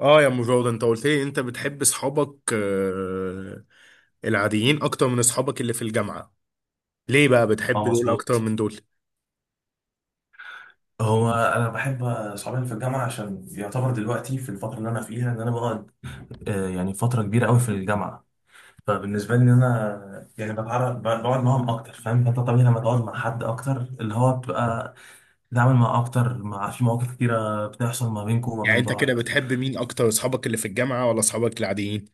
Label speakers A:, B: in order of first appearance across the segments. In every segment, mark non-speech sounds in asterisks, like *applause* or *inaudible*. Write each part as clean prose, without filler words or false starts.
A: اه يا ام جوده، انت قلت لي انت بتحب اصحابك العاديين اكتر من اصحابك اللي في الجامعه. ليه بقى بتحب
B: اه
A: دول اكتر
B: مظبوط.
A: من دول؟
B: هو انا بحب اصحابي في الجامعه عشان يعتبر دلوقتي في الفتره اللي انا فيها ان انا بقعد، يعني فتره كبيره قوي في الجامعه. فبالنسبه لي ان انا يعني بتعرف بقعد معاهم اكتر، فاهم؟ فانت طبيعي لما تقعد مع حد اكتر، اللي هو بتبقى بتتعامل معاه اكتر، مع في مواقف كتيره بتحصل ما بينكم وما
A: يعني
B: بين
A: انت كده
B: بعض.
A: بتحب مين اكتر، اصحابك اللي في الجامعه ولا اصحابك العاديين؟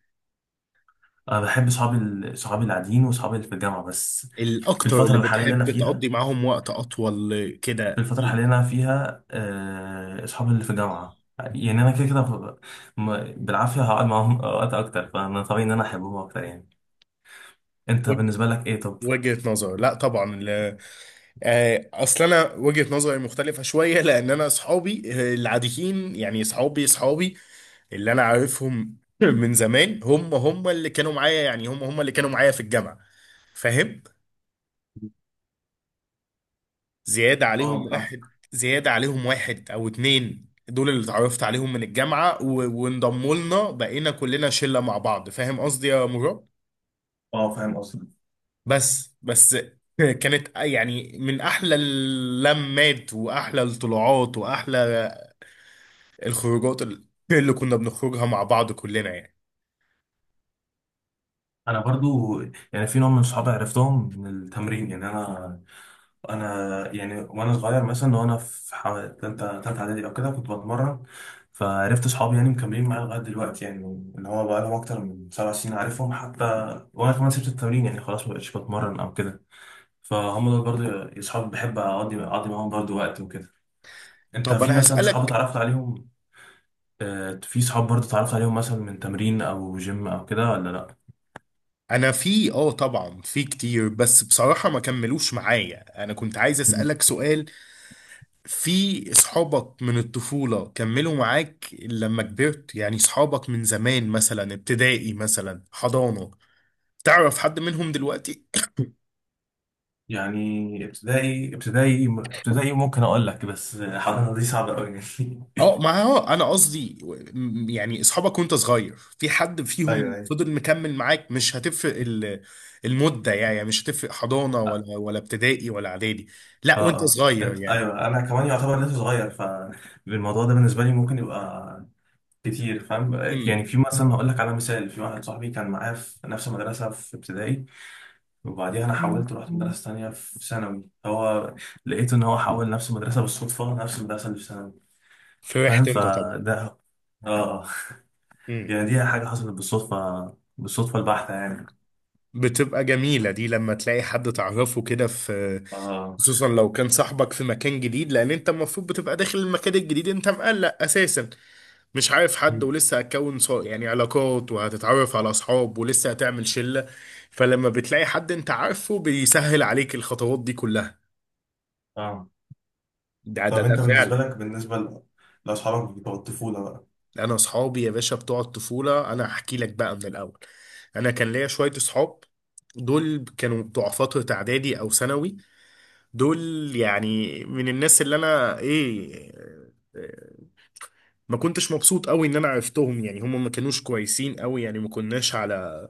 B: انا بحب صحابي صحابي العاديين وصحابي اللي في الجامعه بس. في
A: الاكتر
B: الفتره
A: اللي
B: الحاليه اللي انا
A: بتحب
B: فيها
A: تقضي معاهم وقت اطول
B: في
A: كده.
B: الفترة الحالية اللي أنا فيها، أصحابي اللي في الجامعة، يعني أنا كده كده بالعافية هقعد معاهم وقت أكتر، فأنا طبيعي إن أنا أحبهم أكتر يعني. أنت
A: وج-
B: بالنسبة لك إيه طب؟
A: وجهه نظر، لا طبعا اصل انا وجهه نظري مختلفه شويه، لان انا اصحابي العاديين يعني اصحابي اللي انا عارفهم *laughs* من زمان، هم هم اللي كانوا معايا يعني هم هم اللي كانوا معايا في الجامعة، فاهم. زيادة عليهم
B: اه فاهم
A: واحد، زيادة عليهم واحد او اتنين، دول اللي اتعرفت عليهم من الجامعة وانضموا لنا، بقينا كلنا شلة مع بعض، فاهم قصدي يا مراد.
B: اه فاهم قصدك.
A: بس بس *laughs* كانت يعني من احلى اللمات واحلى الطلوعات واحلى الخروجات اللي كنا بنخرجها مع بعض كلنا يعني.
B: أنا برضو يعني في نوع من صحابي عرفتهم من التمرين، يعني أنا يعني وأنا صغير مثلا، وأنا في تالتة إعدادي أو كده كنت بتمرن، فعرفت صحابي يعني مكملين معايا لغاية دلوقتي يعني. اللي هو بقالهم أكتر من 7 سنين عارفهم حتى، وأنا كمان سبت التمرين يعني خلاص مبقتش بتمرن أو كده. فهم دول برضه اصحاب بحب اقضي معاهم برضه وقت وكده. انت
A: طب
B: في
A: انا
B: مثلا صحاب
A: هسألك،
B: اتعرفت عليهم؟ في صحاب برضه اتعرفت عليهم مثلا من تمرين او جيم او كده ولا لا؟
A: انا في طبعا في كتير بس بصراحة ما كملوش معايا، انا كنت عايز
B: مم.
A: اسألك سؤال. في اصحابك من الطفولة كملوا معاك لما كبرت؟ يعني اصحابك من زمان، مثلا ابتدائي، مثلا حضانة، تعرف حد منهم دلوقتي؟
B: يعني ابتدائي ممكن اقول لك، بس حضانة دي صعبة قوي يعني.
A: اه ما هو انا قصدي يعني اصحابك وانت صغير، في حد
B: *laughs* ايوه
A: فيهم
B: ايوه.
A: فضل مكمل معاك؟ مش هتفرق المدة، يعني مش هتفرق حضانة ولا ابتدائي ولا اعدادي، لا
B: اه
A: وانت
B: اه
A: صغير
B: انت،
A: يعني.
B: ايوه، انا كمان يعتبر لسه صغير، فالموضوع ده بالنسبه لي ممكن يبقى كتير، فاهم
A: امم.
B: يعني. في مثلا هقول لك على مثال، في واحد صاحبي كان معايا في نفس المدرسه في ابتدائي، وبعديها انا حولت، رحت مدرسه تانية في ثانوي، هو لقيت ان هو حول نفس المدرسه بالصدفه، نفس المدرسه اللي في ثانوي، فاهم؟
A: فرحت انت طبعا.
B: فده اه،
A: مم.
B: يعني دي حاجه حصلت بالصدفه بالصدفه البحته يعني.
A: بتبقى جميلة دي لما تلاقي حد تعرفه كده في،
B: اه.
A: خصوصا لو كان صاحبك في مكان جديد، لأن أنت المفروض بتبقى داخل المكان الجديد أنت مقلق أساسا، مش عارف حد،
B: مم.
A: ولسه هتكون يعني علاقات، وهتتعرف على أصحاب، ولسه هتعمل شلة. فلما بتلاقي حد أنت عارفه بيسهل عليك الخطوات دي كلها.
B: اه.
A: ده ده
B: طب
A: ده
B: انت بالنسبه
A: فعلا.
B: لك، بالنسبه لاصحابك بتوع الطفوله بقى؟
A: أنا أصحابي يا باشا بتوع الطفولة أنا هحكي لك بقى من الأول. أنا كان ليا شوية أصحاب، دول كانوا بتوع فترة إعدادي أو ثانوي. دول يعني من الناس اللي انا ايه، آه، ما كنتش مبسوط قوي ان انا عرفتهم، يعني هم ما كانوش كويسين قوي، يعني ما كناش على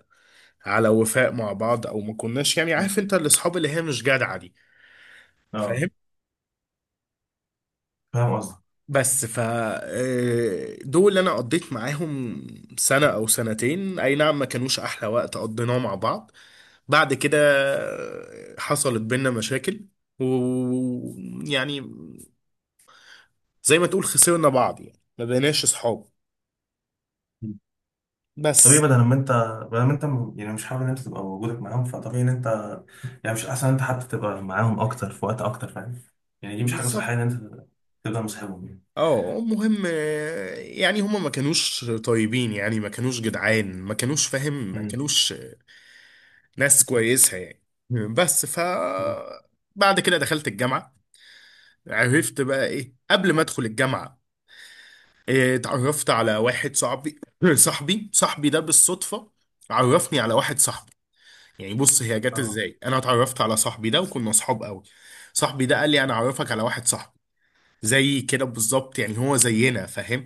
A: على وفاء مع بعض، او ما كناش يعني،
B: مم.
A: عارف انت الاصحاب اللي هي مش جدعة دي، فاهم.
B: اه فاهم قصدي.
A: بس ف دول انا قضيت معاهم سنة او سنتين، اي نعم، ما كانوش احلى وقت قضيناه مع بعض. بعد كده حصلت بينا مشاكل، ويعني زي ما تقول خسرنا بعض يعني ما بقيناش اصحاب
B: مم. طبيعي.
A: بس.
B: بدل ما انت يعني مش حابب ان انت تبقى وجودك معاهم، فطبيعي ان انت يعني مش احسن انت حتى تبقى معاهم اكتر، في وقت اكتر، فاهم يعني؟ دي مش حاجه صحيه
A: بالظبط.
B: ان انت تبقى مصاحبهم يعني.
A: اه المهم يعني هما ما كانوش طيبين، يعني ما كانوش جدعان، ما كانوش فاهم، ما
B: مم.
A: كانوش ناس كويسة يعني. بس ف
B: اه
A: بعد كده دخلت الجامعة. عرفت بقى ايه قبل ما ادخل الجامعة، اتعرفت على واحد صاحبي *clears throat* صاحبي ده بالصدفة عرفني على واحد صاحبي. يعني بص، هي جت
B: اه
A: ازاي انا اتعرفت على صاحبي ده وكنا اصحاب قوي. صاحبي ده قال لي انا اعرفك على واحد صاحبي زي كده بالظبط، يعني هو زينا، فاهم.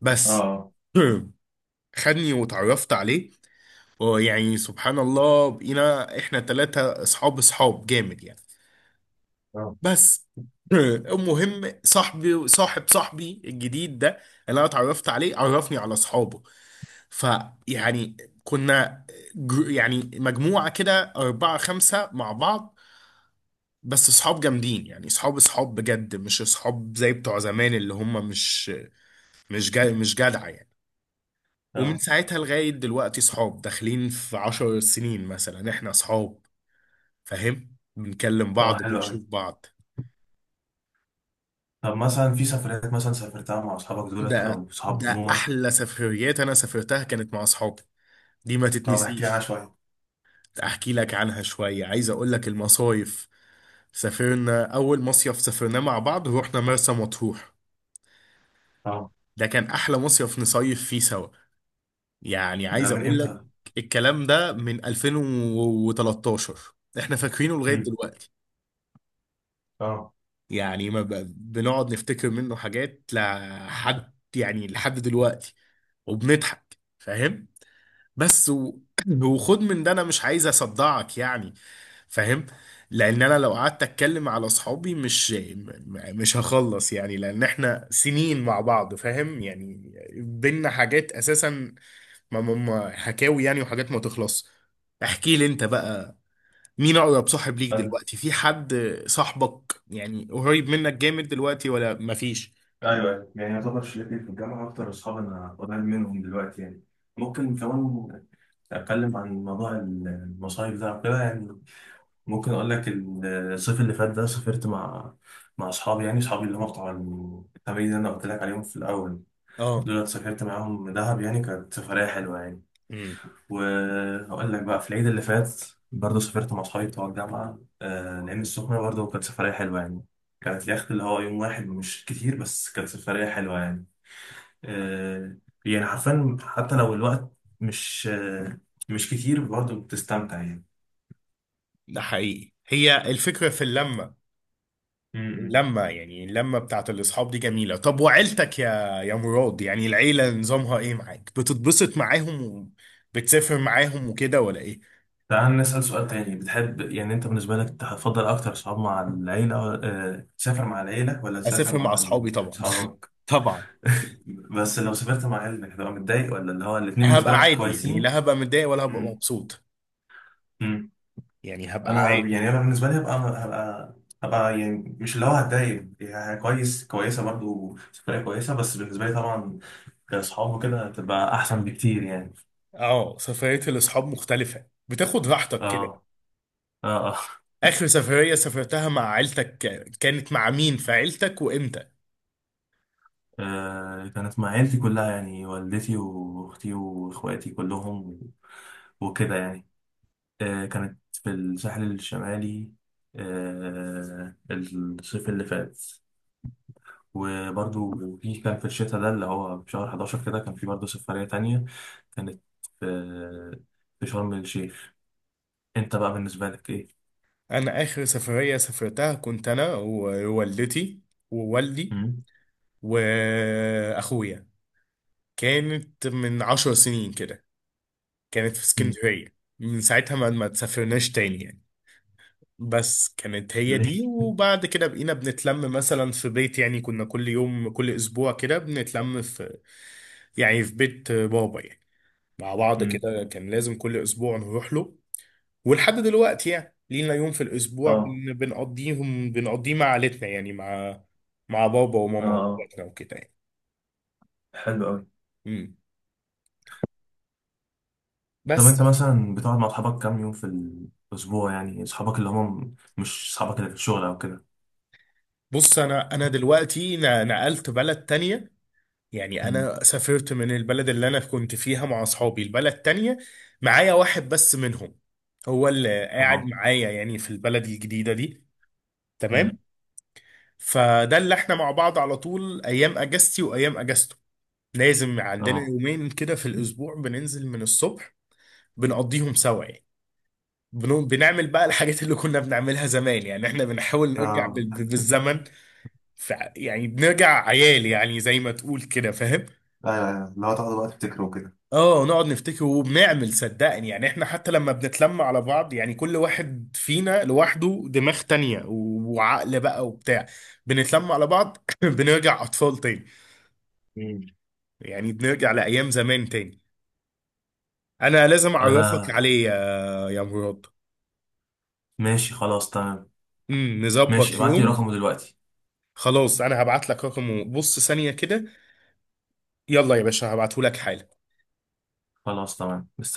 A: بس
B: اه
A: *clears throat* خدني وتعرفت عليه، ويعني سبحان الله بقينا احنا ثلاثة اصحاب، اصحاب جامد يعني.
B: اه
A: بس *clears throat* المهم صاحبي صاحب صاحبي الجديد ده اللي انا اتعرفت عليه عرفني على اصحابه. فيعني كنا يعني مجموعة كده أربعة خمسة مع بعض، بس اصحاب جامدين يعني، اصحاب اصحاب بجد مش اصحاب زي بتوع زمان، اللي هم مش جا مش جدع يعني. ومن
B: اه
A: ساعتها لغاية دلوقتي صحاب، داخلين في 10 سنين مثلا احنا صحاب، فاهم. بنكلم
B: اه
A: بعض،
B: حلو قوي.
A: بنشوف بعض.
B: طب مثلا في سفريات مثلا سافرتها مع اصحابك دولت
A: ده
B: او صحاب
A: ده
B: عموما؟
A: أحلى سفريات أنا سافرتها كانت مع أصحابي، دي ما
B: طب احكي لي عنها
A: تتنسيش.
B: شويه.
A: أحكي لك عنها شوية، عايز أقول لك المصايف. سافرنا أول مصيف سافرناه مع بعض، روحنا مرسى مطروح،
B: اه
A: ده كان أحلى مصيف نصيف فيه سوا، يعني
B: ده
A: عايز
B: من
A: أقول لك.
B: امتى؟
A: الكلام ده من 2013، احنا فاكرينه لغاية
B: امم.
A: دلوقتي
B: اه.
A: يعني، ما ب- بنقعد نفتكر منه حاجات لحد يعني لحد دلوقتي وبنضحك فاهم. بس و... *clears throat* وخد من ده انا مش عايز اصدعك يعني، فاهم. لان انا لو قعدت اتكلم على اصحابي مش هخلص يعني، لان احنا سنين مع بعض فاهم يعني، بينا حاجات اساسا، حكاوي يعني وحاجات ما تخلص. احكي لي انت بقى مين اقرب صاحب ليك
B: أنا-
A: دلوقتي، في حد صاحبك يعني قريب منك جامد دلوقتي ولا مفيش؟
B: ايوه ايوه، يعني يعتبر شلتي في الجامعه اكتر اصحاب انا قريب منهم دلوقتي يعني. ممكن كمان اتكلم عن موضوع المصايف ده كده يعني. ممكن اقول لك، الصيف اللي فات ده سافرت مع اصحابي، يعني اصحابي اللي هم بتوع التمرين اللي انا قلت لك عليهم في الاول،
A: اه.
B: دول سافرت معاهم دهب، يعني كانت سفرية حلوة يعني.
A: امم.
B: وهقول لك بقى، في العيد اللي فات برضه سافرت مع صحابي بتوع الجامعة، آه، العين السخنة برضه، كانت سفرية حلوة يعني. كانت اليخت اللي هو يوم واحد مش كتير، بس كانت سفرية حلوة يعني. آه يعني حرفيا حتى لو الوقت مش مش كتير، برضه بتستمتع يعني.
A: ده حقيقي هي الفكرة في اللمة،
B: م-م.
A: اللمة يعني اللمة بتاعت الأصحاب دي جميلة. طب وعيلتك يا مراد، يعني العيلة نظامها إيه معاك؟ بتتبسط معاهم وبتسافر معاهم وكده ولا إيه؟
B: تعال نسأل سؤال تاني، بتحب يعني أنت بالنسبة لك هتفضل أكتر صحاب مع العيلة، تسافر مع العيلة ولا تسافر
A: أسافر مع
B: مع
A: أصحابي طبعا
B: أصحابك؟
A: *laughs* طبعا.
B: بس لو سافرت مع عيلتك هتبقى متضايق، ولا اللي هو الاتنين بالنسبة
A: هبقى
B: لك
A: عادي يعني،
B: كويسين؟
A: لا هبقى متضايق ولا هبقى
B: مم.
A: مبسوط،
B: امم.
A: يعني هبقى
B: انا يعني
A: عادي.
B: انا بالنسبه لي هبقى، يعني مش اللي هو هتضايق، يعني كويس، كويسه برضو سفريه كويسه، بس بالنسبه لي طبعا كاصحاب وكده هتبقى احسن بكتير يعني.
A: اه سفرية الأصحاب مختلفة، بتاخد راحتك كده.
B: اه اه اه.
A: آخر سفرية سافرتها مع عيلتك كانت مع مين في عيلتك وإمتى؟
B: كانت مع عيلتي كلها، يعني والدتي واختي واخواتي كلهم وكده يعني. كانت في الساحل الشمالي، الصيف اللي فات. وبرضو في كان في الشتاء ده اللي هو في شهر 11 كده، كان في برضو سفرية تانية، كانت في شرم الشيخ. انت بقى بالنسبة لك ايه؟
A: أنا آخر سفرية سافرتها كنت أنا ووالدتي ووالدي
B: مم؟
A: وأخويا، كانت من 10 سنين كده، كانت في
B: مم.
A: اسكندرية. من ساعتها ما تسافرناش تاني يعني. بس كانت هي
B: ليه؟
A: دي، وبعد كده بقينا بنتلم مثلا في بيت، يعني كنا كل يوم كل أسبوع كده بنتلم في، يعني في بيت بابا يعني، مع بعض
B: مم.
A: كده كان لازم كل أسبوع نروح له. ولحد دلوقتي يعني لينا يوم في الاسبوع
B: اه
A: بنقضيه مع عيلتنا، يعني مع بابا
B: اه
A: وماما
B: اه
A: واخواتنا وكده يعني.
B: حلو قوي.
A: امم.
B: طب انت
A: بس.
B: مثلا بتقعد مع اصحابك كام يوم في الاسبوع، يعني اصحابك اللي هم مش اصحابك اللي في الشغل او كده؟
A: بص انا دلوقتي نقلت بلد تانية، يعني
B: مم.
A: انا سافرت من البلد اللي انا كنت فيها مع اصحابي البلد تانية. معايا واحد بس منهم هو اللي قاعد
B: اه.
A: معايا يعني في البلد الجديدة دي.
B: مم.
A: تمام. فده اللي احنا مع بعض على طول، ايام اجازتي وايام اجازته لازم عندنا
B: اه
A: يومين كده في الأسبوع بننزل من الصبح بنقضيهم سوا يعني. بنعمل بقى الحاجات اللي كنا بنعملها زمان، يعني احنا بنحاول نرجع
B: اه.
A: بالزمن، ف يعني بنرجع عيال يعني زي ما تقول كده فاهم.
B: ايوه ايوه، لو تاخدوا وقت تفتكروا كده.
A: اه نقعد نفتكر، وبنعمل صدقني يعني، احنا حتى لما بنتلم على بعض يعني كل واحد فينا لوحده دماغ تانية وعقل بقى وبتاع، بنتلم على بعض *laughs* *clears throat* بنرجع اطفال تاني،
B: مم.
A: يعني بنرجع لايام زمان تاني. انا لازم اعرفك
B: انا
A: عليه يا مراد.
B: ماشي خلاص تمام. ماشي،
A: نظبط
B: ابعت لي
A: يوم.
B: رقمه دلوقتي.
A: خلاص انا هبعت لك رقمه، بص ثانية كده، يلا يا باشا هبعته لك حالا.
B: خلاص تمام، مستني.